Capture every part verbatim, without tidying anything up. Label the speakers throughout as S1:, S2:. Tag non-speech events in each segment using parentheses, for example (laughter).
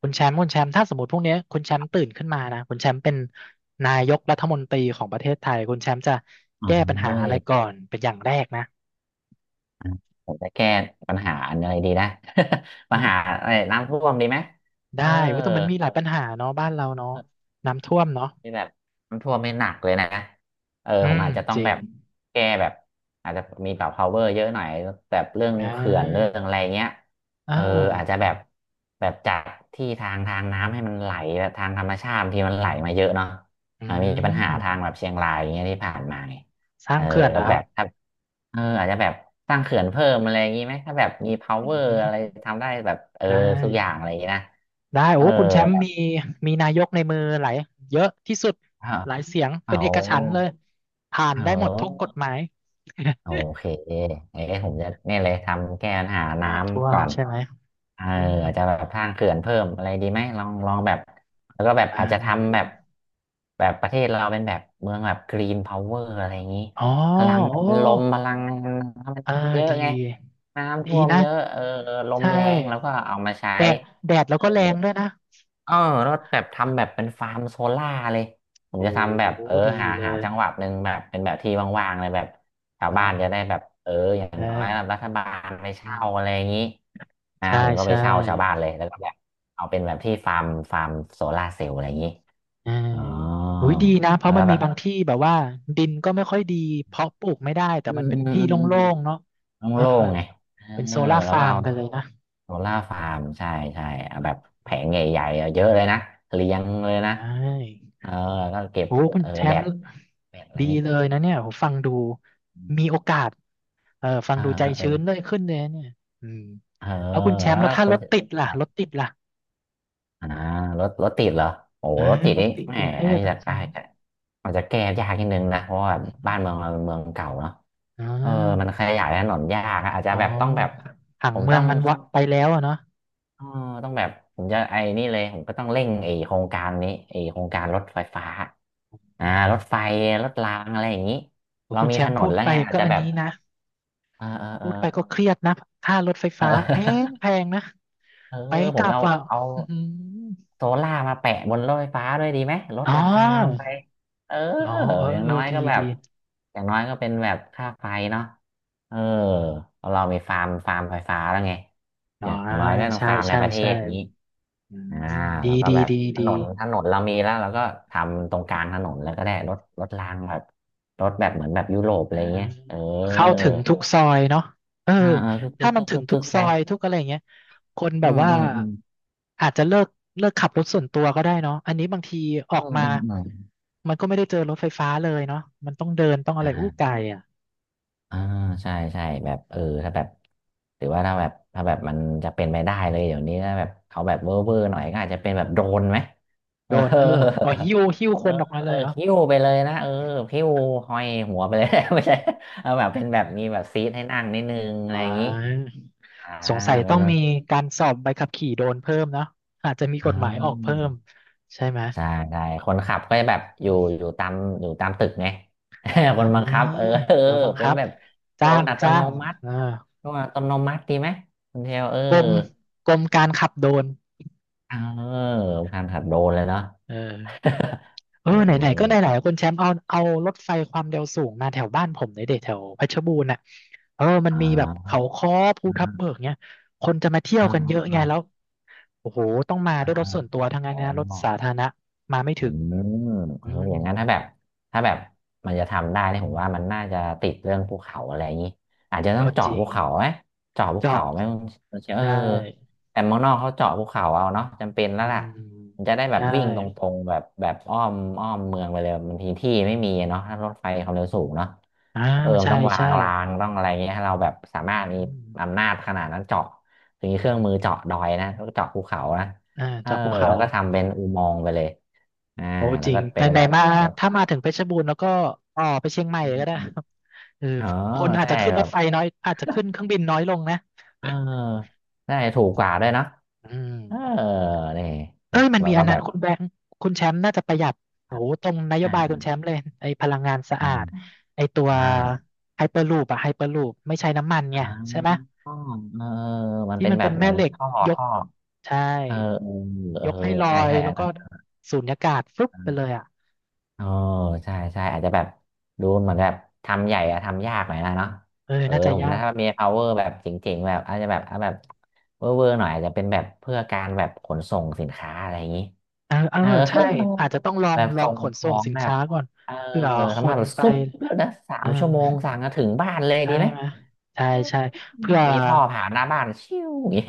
S1: คุณแชมป์คุณแชมป์ถ้าสมมติพรุ่งนี้คุณแชมป์ตื่นขึ้นมานะคุณแชมป์เป็นนายกรัฐมนตรีของประเทศไทยคุณแชมป์จะ
S2: อ๋อ
S1: แก้ปัญหา
S2: เอ้
S1: อะ
S2: ย
S1: ไรก่อนเป็นอย่างแรกนะ
S2: อ่ะผมจะแก้ปัญหาอะไรดีนะ (laughs) ปั
S1: อื
S2: ญหา
S1: ม
S2: อะไรน้ำท่วมดีไหม
S1: ได้
S2: เออ
S1: ว่าแต่มันมีหลายปัญหาเนาะบ้านเราเนาะน้ำท่วมเนาะ
S2: ที่แบบมันท่วมไม่หนักเลยนะเออ
S1: อื
S2: ผม
S1: ม
S2: อาจจะต้อ
S1: จ
S2: ง
S1: ริ
S2: แบ
S1: ง
S2: บแก้แบบอาจจะมีแบบ power เยอะหน่อยแบบเรื่อง
S1: อ่
S2: เขื่อนเรื่อ
S1: า
S2: งอะไรเงี้ย
S1: เอ
S2: เอออาจจะ
S1: อ
S2: แบบแบบจัดที่ทางทางน้ำให้มันไหลแบบทางธรรมชาติบางที่มันไหลมาเยอะเนาะ
S1: อื
S2: อ่ามีปัญหา
S1: ม
S2: ทางแบบเชียงรายอย่างเงี้ยที่ผ่านมาไง
S1: สร้า
S2: เอ
S1: ง
S2: อ
S1: เขื่อน
S2: ก็
S1: นะค
S2: แบ
S1: รับ
S2: บ เอออาจจะแบบสร้างเขื่อนเพิ่มอะไรอย่างนี้ไหมถ้าแบบมี
S1: อื
S2: power อะไร
S1: ม
S2: ทำได้แบบเออ
S1: ได้
S2: ทุกอย่างอะไรอย่างนี้นะ
S1: ได้
S2: เอ
S1: โอ้
S2: อ
S1: คุณแชม
S2: แบ
S1: ป์
S2: บ
S1: มีมีนายกในมือหลายเยอะที่สุด
S2: เออ
S1: หลายเสียง
S2: อ
S1: เป็นเอกฉันท์เล
S2: อ
S1: ยผ่าน
S2: เ
S1: ได้หมดทุกกฎ
S2: ออ
S1: หมาย
S2: โอเคเอ๊ะผมจะเนี่ยเลยทำแก้ปัญหา
S1: (laughs)
S2: น้
S1: น้ำท่ว
S2: ำ
S1: ม
S2: ก่อน
S1: ใช่ไหม
S2: เออ
S1: อืม
S2: อาจจะแบบสร้างเขื่อนเพิ่มอะไรดีไหมลองลองแบบแล้วก็แบบ
S1: อ่า
S2: อาจจะทำแบบแบบประเทศเราเป็นแบบเมืองแบบกรีนพาวเวอร์อะไรอย่างนี้
S1: อ๋อ
S2: พลัง
S1: โอ้
S2: งานลมพลังงานน้ำ
S1: อ่า
S2: มันเยอะ
S1: ดี
S2: ไงน้ำ
S1: ดี
S2: ท่วม
S1: นะ
S2: เยอะเออลม
S1: ใช่
S2: แรงแล้วก็เอามาใช้
S1: แดดแดดแล้ว
S2: เออ
S1: ก็แรงด้วยนะ
S2: เออแล้วแบบทำแบบเป็นฟาร์มโซล่าเลยผม
S1: โอ้
S2: จะทำแบบเออ
S1: ดี
S2: หา
S1: เล
S2: หา
S1: ย
S2: จังหวัดหนึ่งแบบเป็นแบบที่ว่างๆเลยแบบชาวบ้า
S1: เนาะ
S2: นจะได้แบบเอออย่าง
S1: ใช่
S2: น้อยแบบรัฐบาลไป
S1: อื
S2: เช่า
S1: ม
S2: อะไรอย่างนี้อ่า
S1: ใช่
S2: ผมก็ไป
S1: ใช่
S2: เช่าชาวบ้านเลยแล้วก็แบบเอาเป็นแบบที่ฟาร์มฟาร์มโซล่าเซลล์อะไรอย่างนี้
S1: ใช่
S2: อ๋อ
S1: อุ้ยดีนะเพ
S2: แล้
S1: ราะ
S2: ว
S1: มัน
S2: ก็
S1: มี
S2: แบบ
S1: บางที่แบบว่าดินก็ไม่ค่อยดี เพาะปลูกไม่ได้ แต่
S2: อื
S1: มั
S2: ม
S1: นเป็น
S2: อืม
S1: ที่
S2: อื
S1: โล
S2: ม
S1: ่งๆ เนาะ
S2: อืม
S1: เออ
S2: โล่งๆไง
S1: เป็น
S2: เอ
S1: โซ
S2: อ
S1: ล่าร์
S2: แล้ว
S1: ฟา
S2: ก็
S1: ร์ม
S2: เอา
S1: ไปเลยนะ
S2: โซล่าฟาร์มใช่ใช่อ่ะแบบแผ
S1: อื
S2: ง
S1: ม
S2: ใหญ่ๆอ่ะเยอะเลยนะเรียงเลยนะ
S1: ได้
S2: เออแล้วก็เก็บ
S1: โอ้คุณ
S2: เออ
S1: แช
S2: แบ
S1: มป์
S2: ตแบตอะไรอ
S1: ดี
S2: ย่างนี้
S1: เลยนะเนี่ยผมฟังดู มีโอกาส เออฟั
S2: เอ
S1: ง
S2: อ
S1: ดูใจ
S2: เอ
S1: ชื้น
S2: อ
S1: เลยขึ้นเลยเนี่ยอืม
S2: เออ
S1: แล้วคุณแชมป์แล้
S2: แล้
S1: ว
S2: วก็
S1: ถ้า
S2: คุ
S1: ร
S2: ณ
S1: ถติด
S2: ค
S1: ล่ะ
S2: รับ
S1: รถติดล่ะ
S2: อ่ารถรถติดเหรอโอ้
S1: เออ
S2: รถติด
S1: รถ
S2: นี่
S1: ติด
S2: แหม
S1: กรุงเท
S2: อัน
S1: พ
S2: นี้
S1: อ่ะ
S2: จะ
S1: อื
S2: ได้
S1: ม
S2: จะอาจจะแก้ยากนิดนึงนะเพราะว่าบ้านเมืองเราเป็นเมืองเก่าเนาะ
S1: อมอ
S2: เออมัน
S1: ่า
S2: ขยายถนนยากอะอาจจะ
S1: อ๋อ
S2: แบบต้องแบบ
S1: ผั
S2: ผ
S1: ง
S2: ม
S1: เมื
S2: ต้
S1: อ
S2: อ
S1: ง
S2: ง
S1: มันวักไปแล้วอะเนาะ
S2: อ๋อต้องแบบผมจะไอ้นี่เลยผมก็ต้องเร่งไอ้โครงการนี้ไอ้โครงการรถไฟฟ้า
S1: อื
S2: อ่า
S1: ม
S2: รถไฟรถรางอะไรอย่างนี้
S1: โอ้
S2: เรา
S1: คุณ
S2: มี
S1: แช
S2: ถ
S1: มป์
S2: น
S1: พู
S2: น
S1: ด
S2: แล้ว
S1: ไป
S2: ไงอาจ
S1: ก็
S2: จะ
S1: อัน
S2: แบบ
S1: นี้นะ
S2: เออเออ
S1: พู
S2: เออ
S1: ด
S2: (laughs)
S1: ไปก็เครียดนะค่ารถไฟ
S2: เอ
S1: ฟ้า
S2: อ
S1: แพงแพ
S2: (laughs)
S1: งนะ
S2: เออ
S1: ไปก
S2: ผม
S1: ลับ
S2: เอา
S1: อ่ะ
S2: เอา
S1: อืม
S2: โซล่าร์มาแปะบนรถไฟฟ้าด้วยดีไหมลด
S1: อ๋อ
S2: ราคาลงไปเออ
S1: อ๋อเออ
S2: อย่าง
S1: เออ
S2: น้อย
S1: ดี
S2: ก็แบ
S1: ดี
S2: บอย่างน้อยก็เป็นแบบค่าไฟเนาะเออเรามีฟาร์มฟาร์มไฟฟ้าแล้วไง
S1: อ๋
S2: อ
S1: อ
S2: ย่างน้อยก็ต้อง
S1: ใช่
S2: ฟาร์มใน
S1: ใช่
S2: ประเท
S1: ใช่
S2: ศนี้
S1: อื
S2: อ่า
S1: ม
S2: แล้
S1: ดี
S2: วก็
S1: ดี
S2: แบบ
S1: ดี
S2: ถน
S1: ดี
S2: นถนนเรามีแล้วเราก็ทำตรงกลางถนนแล้วก็ได้รถรถรางแบบรถแบบเหมือนแบบยุโรปอะ
S1: อ่า
S2: ไรเงี้ยเออ
S1: เข้าถึงทุกซอยเนาะเออ
S2: อ่าเออคึกคึ
S1: ถ้า
S2: ก
S1: มัน
S2: คึก
S1: ถึ
S2: คึ
S1: ง
S2: ก
S1: ทุ
S2: คึ
S1: ก
S2: ก
S1: ซ
S2: ไป
S1: อยทุกอะไรอย่างเงี้ยคนแบ
S2: อื
S1: บ
S2: ม
S1: ว่า
S2: อืมอืม
S1: อาจจะเลิกเลิกขับรถส่วนตัวก็ได้เนาะอันนี้บางทีออ
S2: อื
S1: ก
S2: ม
S1: มา
S2: อืมอืม
S1: มันก็ไม่ได้เจอรถไฟฟ้าเลยเนาะมันต้องเดินต้องอะไรอู้ไกล
S2: อ่า
S1: อ่ะ
S2: อ่าใช่ใช่แบบเออถ้าแบบหรือว่าถ้าแบบถ้าแบบมันจะเป็นไปได้เลยเดี๋ยวนี้ถ้าแบบเอาแบ
S1: อื
S2: บเวอร์
S1: ม
S2: เวอร์หน่อยก็อาจจะเป็นแบบโดรนไหมเอ
S1: โดนเออ
S2: อ
S1: เอาหิ้วหิ้ว
S2: เอ
S1: ค
S2: อ
S1: นออกมา
S2: เอ
S1: เล
S2: อ
S1: ยเหรอ
S2: หิ้วไปเลยนะเออหิ้วห้อยหัวไปเลย (laughs) ไม่ใช่เอาแบบเป็นแบบมีแบบซีทให้นั่งนิดนึงอะ
S1: อ๋
S2: ไร
S1: อ
S2: อย่างนี้อ่า
S1: สงสัย
S2: เป็
S1: ต้
S2: น
S1: อง
S2: แบบ
S1: มีการสอบใบขับขี่โดรนเพิ่มเนาะอาจจะมีก
S2: อ่
S1: ฎหมายออก
S2: า
S1: เพิ่มใช่ไหม
S2: ใช่ใช่คนขับก็จะแบบอยู่อยู่ตามอยู่ตามตึกไง (laughs)
S1: อ
S2: คนบังคับ
S1: ่า
S2: เออ (laughs) เออ
S1: แล้วบัง
S2: เป็
S1: คั
S2: น
S1: บ
S2: แบบโด
S1: จ้า
S2: น
S1: ง
S2: อัต
S1: จ้า
S2: โน
S1: ง
S2: มัติ
S1: เออ
S2: โดนอัตโนมัติดีไหมคุณเทลเออ
S1: กรมกรมการขับโดรน
S2: เออการขับโดนเลยเนาะ
S1: เออ
S2: (laughs)
S1: เอ
S2: เอ
S1: อไหนๆก็ไห
S2: อ
S1: นๆคุณแชมป์เอาเอารถไฟความเร็วสูงมาแถวบ้านผมในเด็กแถวเพชรบูรณ์น่ะเออมัน
S2: อ่
S1: มีแบบ
S2: า
S1: เขาค้อภูทับเบิ
S2: อ่า
S1: กเนี่ยคนจะมาเที่ยว
S2: อ่า
S1: กันเยอะไง
S2: อ่า
S1: แล้วโอ้โหต้องมา
S2: อ่า
S1: ด้วยรถส่วนตัวทั้งนั้น
S2: อ๋อ
S1: นะรถสาธารณะมาไม่
S2: อื
S1: ถึง
S2: มเอ
S1: อื
S2: อ
S1: ม
S2: อย่างนั้นถ้าแบบถ้าแบบมันจะทำได้เนี่ยผมว่ามันน่าจะติดเรื่องภูเขาอะไรอย่างนี้อาจจะต้อ
S1: ก็
S2: ง
S1: จ
S2: เจาะ
S1: ริ
S2: ภู
S1: ง
S2: เขาไหมเจาะภูเขา
S1: เจาะ
S2: ไหมมันเชื่อเออ
S1: ใช่
S2: แต่เมืองนอกเขาเจาะภูเขาเอาเนาะจำเป็นแล้
S1: อื
S2: วล่ะ
S1: ม
S2: มันจะได้แบบ
S1: ใช่
S2: วิ่งตรงๆแบบแบบอ้อมอ้อมเมืองไปเลยบางทีที่ไม่มีเนาะถ้ารถไฟความเร็วสูงเนาะ
S1: อ่า
S2: เออมั
S1: ใช่
S2: นต้องวา
S1: ใช่
S2: งรางต้องอะไรเงี้ยให้เราแบบสา
S1: อื
S2: มารถมี
S1: ม
S2: อำนาจขนาดนั้นเจาะถึงมีเครื่องมือเจาะดอยนะแล้วก็เจาะภูเขานะ
S1: อ่า
S2: เออ
S1: จากภูเขา
S2: แล้วก็ทำเป็นอุโมงค์ไปเลย อ่า
S1: โอ้
S2: แล้
S1: จ
S2: ว
S1: ริง
S2: ก็
S1: ไหน
S2: เป็น
S1: ไหน
S2: แบบ
S1: มา
S2: รถ
S1: ถ้ามาถึงเพชรบูรณ์แล้วก็ต่อไปเชียงใหม่
S2: อื
S1: เลยก็
S2: ม
S1: ได้
S2: อ
S1: (laughs) ครับเออ
S2: ๋อ
S1: คนอาจ
S2: ใช่
S1: จะขึ้น
S2: แบ
S1: รถ
S2: บ
S1: ไฟน้อยอาจจะขึ้นเครื่องบินน้อยลงนะ
S2: เออใช่ถูกกว่าด้วยเนอะ
S1: อืม
S2: เออนี่
S1: เอ้ยมัน
S2: เรา
S1: มี
S2: ก็
S1: อัน
S2: แบ
S1: นั้น
S2: บ
S1: คุณแบงค์คุณแชมป์น่าจะประหยัดโอ้
S2: อ่า
S1: โหตรงนโย
S2: อ่า
S1: บายคุณแชมป์เลยไอ้พลังงานสะ
S2: อ
S1: อาด
S2: ่า
S1: ไอ้ตัว
S2: อ่
S1: ไฮเปอร์ลูปอะไฮเปอร์ลูปไม่ใช้น้ำมันไง
S2: า
S1: ใช่ไหม
S2: อ๋อเออมัน
S1: ที่
S2: เป็น
S1: มัน
S2: แบ
S1: เป็
S2: บ
S1: น
S2: เหมื
S1: แม่
S2: อน
S1: เหล็ก
S2: ท่อ
S1: ยก
S2: ท่อ
S1: ใช่
S2: เออเออ
S1: ยกให้ล
S2: เออ
S1: อ
S2: ใช่
S1: ย
S2: ใช่
S1: แล้
S2: อั
S1: ว
S2: น
S1: ก็
S2: นั้น
S1: สูญญากาศฟึบ
S2: อัน
S1: ไป
S2: นั้น
S1: เลยอะ
S2: เออใช่ใช่อาจจะแบบดูเหมือนแบบทำใหญ่อะทำยากหน่อยนะเนาะ
S1: เออ
S2: เออ
S1: น่าจะ
S2: ผม
S1: ยา
S2: ถ้า
S1: ก
S2: มี power แบบเจ๋งๆแบบอาจจะแบบเอาแบบเวอร์อร์หน่อยอาจจะเป็นแบบเพื่อการแบบขนส่งสินค้าอะไรอย่างนี้
S1: เออเออ
S2: เออ
S1: ใช่อาจจะต้องลอ
S2: (laughs) แบ
S1: ง
S2: บ
S1: ลอ
S2: ส่
S1: ง
S2: ง
S1: ขน
S2: ข
S1: ส่
S2: อ
S1: ง
S2: ง
S1: สิน
S2: แบบ
S1: ค้าก่อน
S2: เออ
S1: เผื่อค
S2: ทำมา
S1: น
S2: แบบ
S1: ไป
S2: ซุปแล้วนะสา
S1: อ่
S2: มชั่วโมง
S1: า
S2: สั่งมาถึงบ้านเลย
S1: ใช่
S2: ดีไหม
S1: ไหมใช่
S2: เออ
S1: ใช่เผื่อ
S2: มีท่อผ่านหน้าบ้านชิวอย่างงี้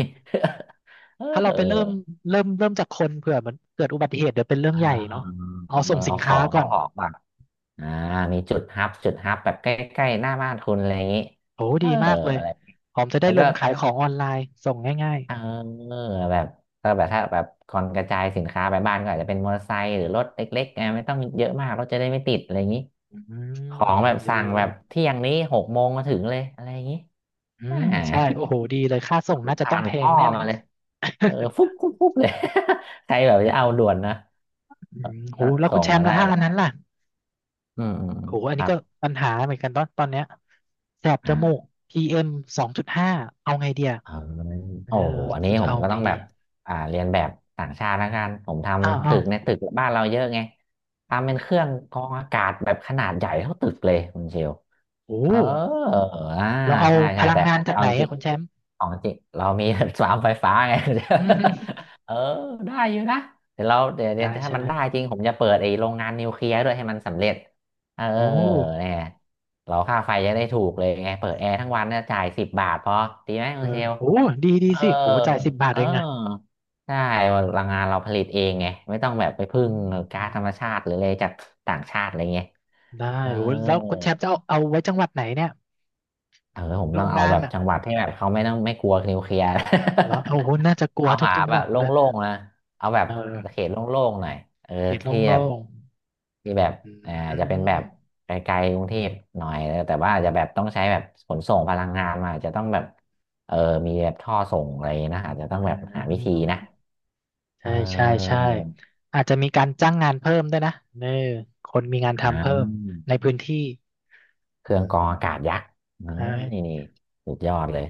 S2: (laughs) เอ
S1: ถ้าเราไปเริ่ม
S2: อ
S1: เริ่มเริ่มจากคนเผื่อมันเกิดอุบัติเหตุเดี๋ยวเป็นเรื่อง
S2: อ่
S1: ใหญ่เนาะ
S2: า
S1: เอาส่งสิ
S2: เอา
S1: น
S2: ข
S1: ค้า
S2: อง
S1: ก่อ
S2: เอา
S1: น
S2: ของแบบอ่ามีจุดฮับจุดฮับแบบใกล้ๆหน้าบ้านคุณอะไรอย่างงี้
S1: โอ้
S2: เอ
S1: ดีมา
S2: อ
S1: กเลย
S2: อะไร
S1: ผมจะได้
S2: แล้ว
S1: ล
S2: ก็
S1: งขายของออนไลน์ส่งง่าย
S2: เออแบบก็แบบถ้าแบบก่อนกระจายสินค้าไปบ้านก็อาจจะเป็นมอเตอร์ไซค์หรือรถเล็กๆไงไม่ต้องเยอะมากรถจะได้ไม่ติดอะไรอย่างนี้
S1: ๆอื
S2: ขอ
S1: ม
S2: งแบบ
S1: ดี
S2: สั่ง
S1: เล
S2: แบบ
S1: ย
S2: เที่ยงนี้หกโมงมาถึงเลยอะไรอย่างนี้
S1: อื
S2: อ่
S1: ม
S2: า
S1: ใช่โอ้โหดีเลยค่าส่งน่าจะต้อ
S2: ผ่า
S1: ง
S2: น
S1: แพ
S2: ท่
S1: ง
S2: อ
S1: แน่เลย
S2: มาเลยเออ
S1: (laughs)
S2: ฟุบฟุบฟุบเลย (laughs) ใครแบบจะเอาด่วนนะ
S1: อืม (laughs) โห
S2: เออ
S1: แล้วคุ
S2: ส่
S1: ณ
S2: ง
S1: แชม
S2: มา
S1: ป์
S2: ได้
S1: นะถ้า
S2: เล
S1: อันนั้
S2: ย
S1: นล่ะ
S2: อืมอืมอื
S1: โอ้
S2: ม
S1: โหอัน
S2: ค
S1: นี้
S2: รับ
S1: ก็ปัญหาเหมือนกันตอนตอนเนี้ยแสบจมูก
S2: อ่า
S1: พี เอ็ม สองจุดห้าเอาไงเดีย
S2: เออ
S1: เอออ
S2: โอ้อันนี้
S1: เราจะ
S2: ผม
S1: เอา
S2: ก็
S1: ไง
S2: ต้อง
S1: ดี
S2: แบบอ่าเรียนแบบต่างชาติแล้วกันผมท
S1: อ้าว
S2: ำ
S1: อ้า
S2: ตึ
S1: ว
S2: กในตึกบ้านเราเยอะไง
S1: อื
S2: ทำเป็น
S1: ม
S2: เครื่องกรองอากาศแบบขนาดใหญ่เท่าตึกเลยคุณเชล
S1: โอ้
S2: เอออ่า
S1: เราเอา
S2: ใช่
S1: พ
S2: ใช่
S1: ลัง
S2: แต่
S1: งานจาก
S2: เอา
S1: ไหน
S2: จ
S1: อะ
S2: ริง
S1: คุณแชมป์
S2: ๆของจริงเรามี (laughs) สวามไฟฟ้าไง
S1: อืม
S2: (laughs) เออ ได้อยู่นะ เดี๋ยวเราเดี๋ยวเดี๋
S1: ได้
S2: ยวถ้า
S1: ใช่
S2: มั
S1: ไห
S2: น
S1: ม
S2: ได้จริงผมจะเปิดไอ้โรงงานนิวเคลียร์ด้วยให้มันสำเร็จ เออ
S1: โอ้
S2: เนี่ยเราค่าไฟจะได้ถูกเลยไงเปิดแอร์ทั้งวันเนี่ยจ่ายสิบบาทพอดีไหมคุ
S1: เอ
S2: ณเช
S1: อ
S2: ล
S1: โอ้ดีดี
S2: เออ
S1: สิโอ้จ่ายสิบบาท
S2: เออ
S1: เองอะ
S2: ใช่พลังงานเราผลิตเองไงไม่ต้องแบบไปพึ่
S1: อื
S2: ง
S1: มอื
S2: ก๊าซ
S1: ม
S2: ธรรมชาติหรืออะไรจากต่างชาติอะไรเงี้ย
S1: ได้
S2: เออ
S1: โอ้แล้วคุณแชมป์จะเอาเอาไว้จังหวัดไหนเนี่ย
S2: เออผม
S1: โร
S2: ต้อ
S1: ง
S2: งเอา
S1: งาน
S2: แบบ
S1: อะ
S2: จังหวัดที่แบบเขาไม่ต้องไม่กลัวนิวเคลียร์
S1: แล้วโอ้โหน่าจะก
S2: (laughs)
S1: ลัว
S2: เอา
S1: ทุก
S2: หา
S1: จังห
S2: แบ
S1: วั
S2: บ
S1: ด
S2: โล
S1: เลย
S2: ่งๆนะเอาแบบ
S1: เอ
S2: เข
S1: อ
S2: ตโล่งๆหน่อยเออ
S1: เขต
S2: ที่แบ
S1: โล่
S2: บ
S1: ง
S2: ที่แบบ
S1: ๆอื
S2: เอ่อจะเป็นแบ
S1: ม
S2: บไกลๆกรุงเทพหน่อยเออแต่ว่าอาจจะแบบต้องใช้แบบขนส่งพลังงานมาอาจจะต้องแบบเออมีแบบท่อส่งอะไรนะอาจจะต้อง
S1: อ่า
S2: แบบหาวิธีนะเอ
S1: ใช่ใช่
S2: อ
S1: ใช่อาจจะมีการจ้างงานเพิ่มด้วยนะเนอคนมีงาน
S2: อ่า
S1: ทำเพิ่มในพื้นที่
S2: เค
S1: อื
S2: รื่องกรองอากาศ
S1: ม
S2: ยักษ์เออ
S1: ใช่
S2: นี่นี่สุดยอดเลย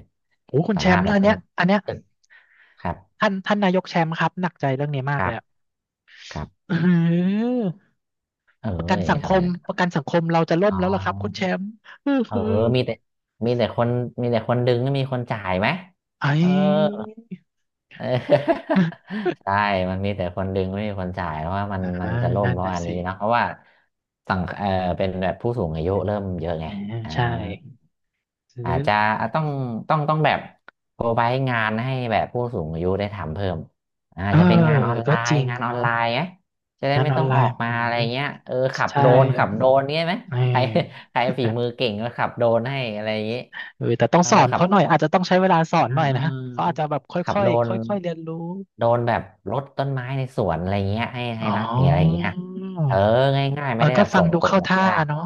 S1: โอ้คุณ
S2: สา
S1: แช
S2: มาร
S1: ม
S2: ถ
S1: ป์
S2: แบ
S1: แล้ว
S2: บ
S1: อัน
S2: เป็
S1: เนี้
S2: น
S1: ยอันเนี้ย
S2: ตึกครับ
S1: ท่านท่านนายกแชมป์ครับหนักใจเรื่องนี้มา
S2: ค
S1: กเล
S2: รั
S1: ย
S2: บ
S1: อ่ะ
S2: ครับ
S1: อื้อหือ
S2: เอ้
S1: ประกัน
S2: ย
S1: สังค
S2: อะไร
S1: มป
S2: นะ
S1: ระกันสังคมเราจะล่ม
S2: อ๋
S1: แล้วล่ะครับคุณแช
S2: อ
S1: มป์อื้อ
S2: เออ
S1: หือ
S2: มีแต่มีแต่คนมีแต่คนดึงไม่มีคนจ่ายไหม
S1: ไอ้
S2: เออเออ (laughs) ใช่มันมีแต่คนดึงไม่มีคนจ่ายเพราะว่ามันมั
S1: อ่า
S2: นจะล่ม
S1: นั่น
S2: เพราะ
S1: น่ะ
S2: อัน
S1: สิ
S2: นี้เนอะเพราะว่าสังเออเป็นแบบผู้สูงอายุเริ่มเยอะไง
S1: อ่า
S2: อ่า
S1: ใช่ห
S2: อา
S1: รื
S2: จ
S1: อ
S2: จะต้องต้องต้องแบบโปรไวงานให้แบบผู้สูงอายุได้ทำเพิ่ม
S1: เอ
S2: อาจ
S1: อ
S2: จะเป็นงานออนไล
S1: ก็จ
S2: น์
S1: ริง
S2: งานออน
S1: เนาะ
S2: ไลน์ไหมจะได้
S1: งาน
S2: ไม่
S1: ออ
S2: ต้
S1: น
S2: อง
S1: ไล
S2: ออก
S1: น์
S2: มา
S1: อื
S2: อะไร
S1: ม
S2: เงี้ยเออขับโด
S1: ใช่
S2: รนขับโดรนเงี้ยไหม
S1: เออ
S2: ใครใคร
S1: (laughs)
S2: ฝีมือ
S1: นะ
S2: เก่งก็ขับโดรนให้อะไรอย่างงี้
S1: เออแต่ต้อง
S2: เออ
S1: สอน
S2: ขับ
S1: เขาหน่อยอาจจะต้องใช้เวลาสอน
S2: อ่า
S1: หน่อย
S2: เอ
S1: นะเขาอาจ
S2: อ
S1: จะแบบค่อย
S2: ขับ
S1: ค่อย
S2: โดรน
S1: ค่อยค่อยๆเรียนรู้
S2: โดรนแบบรดต้นไม้ในสวนอะไรเงี้ยให้ให้
S1: อ๋
S2: รัดเนี่ยอะไร
S1: อ
S2: เงี้ยเออ
S1: เ
S2: ง่ายๆ
S1: อ
S2: ไม่
S1: อ
S2: ได้
S1: ก็
S2: แบบ
S1: ฟั
S2: ส่
S1: ง
S2: ง
S1: ดู
S2: คน
S1: เข้า
S2: แบบ
S1: ท่า
S2: ยาก
S1: เนาะ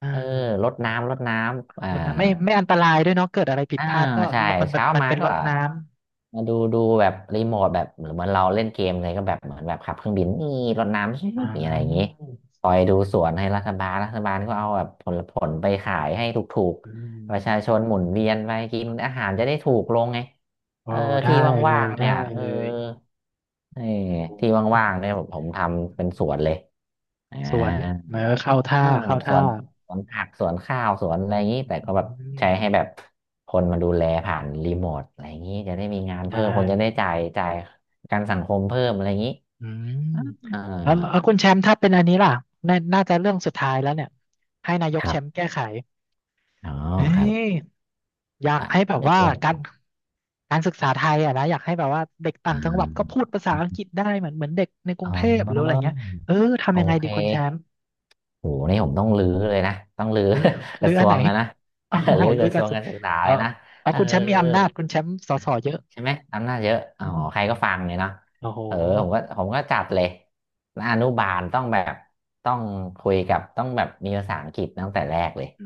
S1: อ่า
S2: เออรดน้ำรดน้ำอ่า
S1: รถน้ำไม่ไม่อันตรายด้วยเนาะเกิดอะไรผิด
S2: อ่า
S1: พลาดก็
S2: ใช่
S1: รถมันมัน
S2: เช้า
S1: มัน
S2: มา
S1: เป็นร
S2: ก็
S1: ถน้ำ
S2: มาดูดูแบบรีโมทแบบเหมือนเหมือนเราเล่นเกมเลยก็แบบเหมือนแบบขับเครื่องบินนี่รดน้ำชิ่
S1: อ๋
S2: อะไรอย่างนี้
S1: อ
S2: คอยดูสวนให้รัฐบาลรัฐบาลก็เอาแบบผลผลไปขายให้ถูก
S1: อื
S2: ๆประชาช
S1: ม
S2: นหมุนเวียนไปกินอาหารจะได้ถูกลงไง
S1: โอ้
S2: เออ
S1: ได้
S2: ที่
S1: เล
S2: ว่า
S1: ย
S2: งๆ
S1: ได้
S2: เนี่ยเอ
S1: เล
S2: อ
S1: ย
S2: เออ
S1: โอ
S2: ที่ว่า
S1: ้
S2: งๆเนี่ยผมผมทำเป็นสวนเลยอ่า
S1: สวนเออเข้าท่า
S2: เออ
S1: เข้า
S2: ส
S1: ท่า
S2: วนสวนผักสวนข้าวสวนอะไรอย่างนี้
S1: อื
S2: แต่ก็แบบ
S1: ม
S2: ใช้ให้แบบคนมาดูแลผ่านรีโมทอะไรอย่างนี้จะได้มีงาน
S1: ได้
S2: เพิ่มคนจะได้จ่ายจ่ายประกันสังคมเพิ่มอะไรอย่างนี้
S1: อืม
S2: เ
S1: แล้วแล้
S2: ออ
S1: วคุณแชมป์ถ้าเป็นอันนี้ล่ะน่าน่าจะเรื่องสุดท้ายแล้วเนี่ยให้นายก
S2: ครั
S1: แชมป์
S2: บ
S1: แก้ไข
S2: อ๋อ
S1: เฮ้
S2: ครั
S1: ย
S2: บ
S1: อยาก
S2: อ่า
S1: ให้แบบ
S2: เป็น
S1: ว่า
S2: เรื่อง
S1: การการศึกษาไทยอ่ะนะอยากให้แบบว่าเด็กต่า
S2: อ่
S1: งจังหวัดก็พู
S2: า
S1: ดภาษาอังกฤษได้เหมือนเหมือนเด็กในกรุ
S2: อ๋
S1: ง
S2: อ
S1: เทพหรืออะไรเงี้ยเออ
S2: โอ
S1: ทำยังไง
S2: เค
S1: ดีคุณแชมป์
S2: โหนี่ผมต้องรื้อเลยนะต้องรื้อ
S1: หรือ
S2: (laughs)
S1: ห
S2: ก
S1: รือ
S2: ระท
S1: อั
S2: ร
S1: น
S2: ว
S1: ไหน
S2: งอะนะ
S1: (laughs) อ๋อ
S2: (laughs) รื้อ
S1: ห
S2: ก
S1: รือ
S2: ระท
S1: กั
S2: ร
S1: น
S2: วงการศึกษา
S1: เออ
S2: เลยนะ
S1: เอา
S2: เออ
S1: คุณแชมป์มีอำนาจคุณแชมป์สสเยอะ
S2: ใช่ไหมอำนาจเยอะอ๋อ
S1: อืม
S2: ใครก็ฟังเลยเนาะ
S1: โอ้โห
S2: เออผมก็ผมก็จัดเลยอนุบาลต้องแบบต้องคุยกับต้องแบบมีภาษาอังกฤษตั้งแต่แรกเลย
S1: อื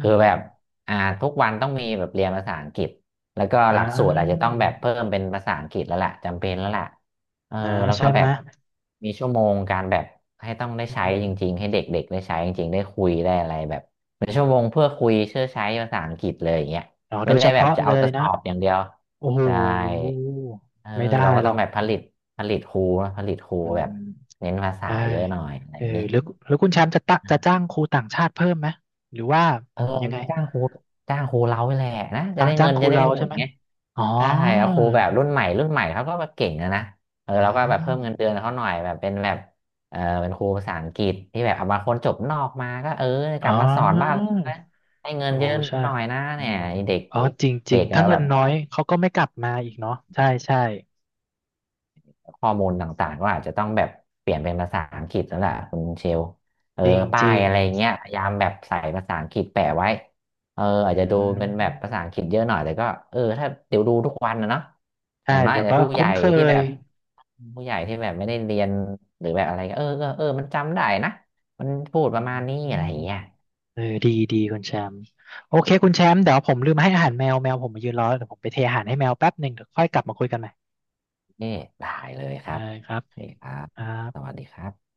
S2: คือแบบ
S1: ม
S2: อ่าทุกวันต้องมีแบบเรียนภาษาอังกฤษแล้วก็
S1: อ่
S2: หลักสูตรอาจจะต้อ
S1: า
S2: งแบบเพิ่มเป็นภาษาอังกฤษแล้วล่ะจำเป็นแล้วล่ะเออ
S1: นะ
S2: แล้วก็
S1: ใช่
S2: แบ
S1: ไหม
S2: บมีชั่วโมงการแบบให้ต้องได้
S1: อื
S2: ใช้จริงๆให้
S1: ม
S2: เด็กๆได้ใช้จริงๆได้คุยได้อะไรแบบเป็นชั่วโมงเพื่อคุยเชื่อใช้ภาษาอังกฤษเลยอย่างเงี้ย
S1: อ๋อโด
S2: ไม่
S1: ยเฉ
S2: ได้แบบ
S1: พาะ
S2: จะ
S1: เล
S2: เอา
S1: ย
S2: จะส
S1: นะ
S2: อบอย่างเดียว
S1: โอ้โห
S2: ใช่เออ
S1: ไม่ได้
S2: เราก็
S1: หร
S2: ต้อง
S1: อก
S2: แบบผลิตผลิตครูนะผลิตครู
S1: อื
S2: แบบ
S1: ม
S2: เน้นภาษา
S1: ใช่
S2: เยอะหน่อยอะไร
S1: เอ
S2: อ
S1: อ
S2: ย่างนี้
S1: หรือหรือคุณแชมป์จะตะจะจ้างครูต่างชาติเพิ่มไหมหรือว่า
S2: เออ
S1: ยังไง
S2: จะจ้างครูจ้างครูเราไปแหละนะจะ
S1: คะ
S2: ได้
S1: จ้า
S2: เงิ
S1: ง
S2: น
S1: ครู
S2: จะได้
S1: เรา
S2: หม
S1: ใช่
S2: ด
S1: ไหม
S2: ไง
S1: อ๋อ
S2: ใช่เอาครูแบบรุ่นใหม่รุ่นใหม่เขาก็แบบเก่งนะนะเออ
S1: อื
S2: เราก็แบบเพิ่ม
S1: ม
S2: เงินเดือนเขาหน่อยแบบเป็นแบบเออเป็นครูภาษาอังกฤษที่แบบเอามางคนจบนอกมาก็เออก
S1: อ๋
S2: ลั
S1: อ
S2: บมาสอนบ้านเรานะให้เงิน
S1: โอ้
S2: เยอะ
S1: ใช่
S2: หน่อยนะ
S1: อื
S2: เนี่ย
S1: ม
S2: ไอ้เด็ก
S1: อ๋อจ
S2: เด็
S1: ริง
S2: ก
S1: ๆ
S2: ก็
S1: ถ้า
S2: แบ
S1: เงิน
S2: บ
S1: น้อยเขาก็ไม่กลับมาอีกเนาะใช่ใช่
S2: ข้อมูลต่างๆก็อาจจะต้องแบบเปลี่ยนเป็นภาษาอังกฤษแล้วล่ะคุณเชลเออ
S1: จริงจ
S2: ป้าย
S1: ริง
S2: อะไรเงี้ยพยายามแบบใส่ภาษาอังกฤษแปะไว้เออ
S1: อ
S2: อาจจะดู
S1: ื
S2: เป็นแบบภาษาอั
S1: ม
S2: งกฤษเยอะหน่อยแต่ก็เออถ้าเดี๋ยวดูทุกวันนะเนาะอ
S1: ใช่
S2: ย่างน้อย
S1: เดี๋ย
S2: อา
S1: ว
S2: จจะ
S1: ก็
S2: ผู้ให
S1: คุ้
S2: ญ่
S1: นเค
S2: ที่แบ
S1: ย
S2: บผู้ใหญ่ที่แบบไม่ได้เรียนหรือแบบอะไรก็เออเออเออมันจำได้นะมันพูด
S1: อื
S2: ประมาณนี้อะไร
S1: ม
S2: อย่างเงี้ย
S1: เออดีดีคุณแชมป์โอเคคุณแชมป์เดี๋ยวผมลืมให้อาหารแมวแมวผมมายืนรอเดี๋ยวผมไปเทอาหารให้แมวแป๊บหนึ่งเดี๋ยวค่อยกลับมาคุยกันใหม่
S2: นี่ได้เลยค
S1: ได้
S2: รับ
S1: ครับ
S2: โอเคครับ
S1: ครั
S2: สวั
S1: บ
S2: สดีครับ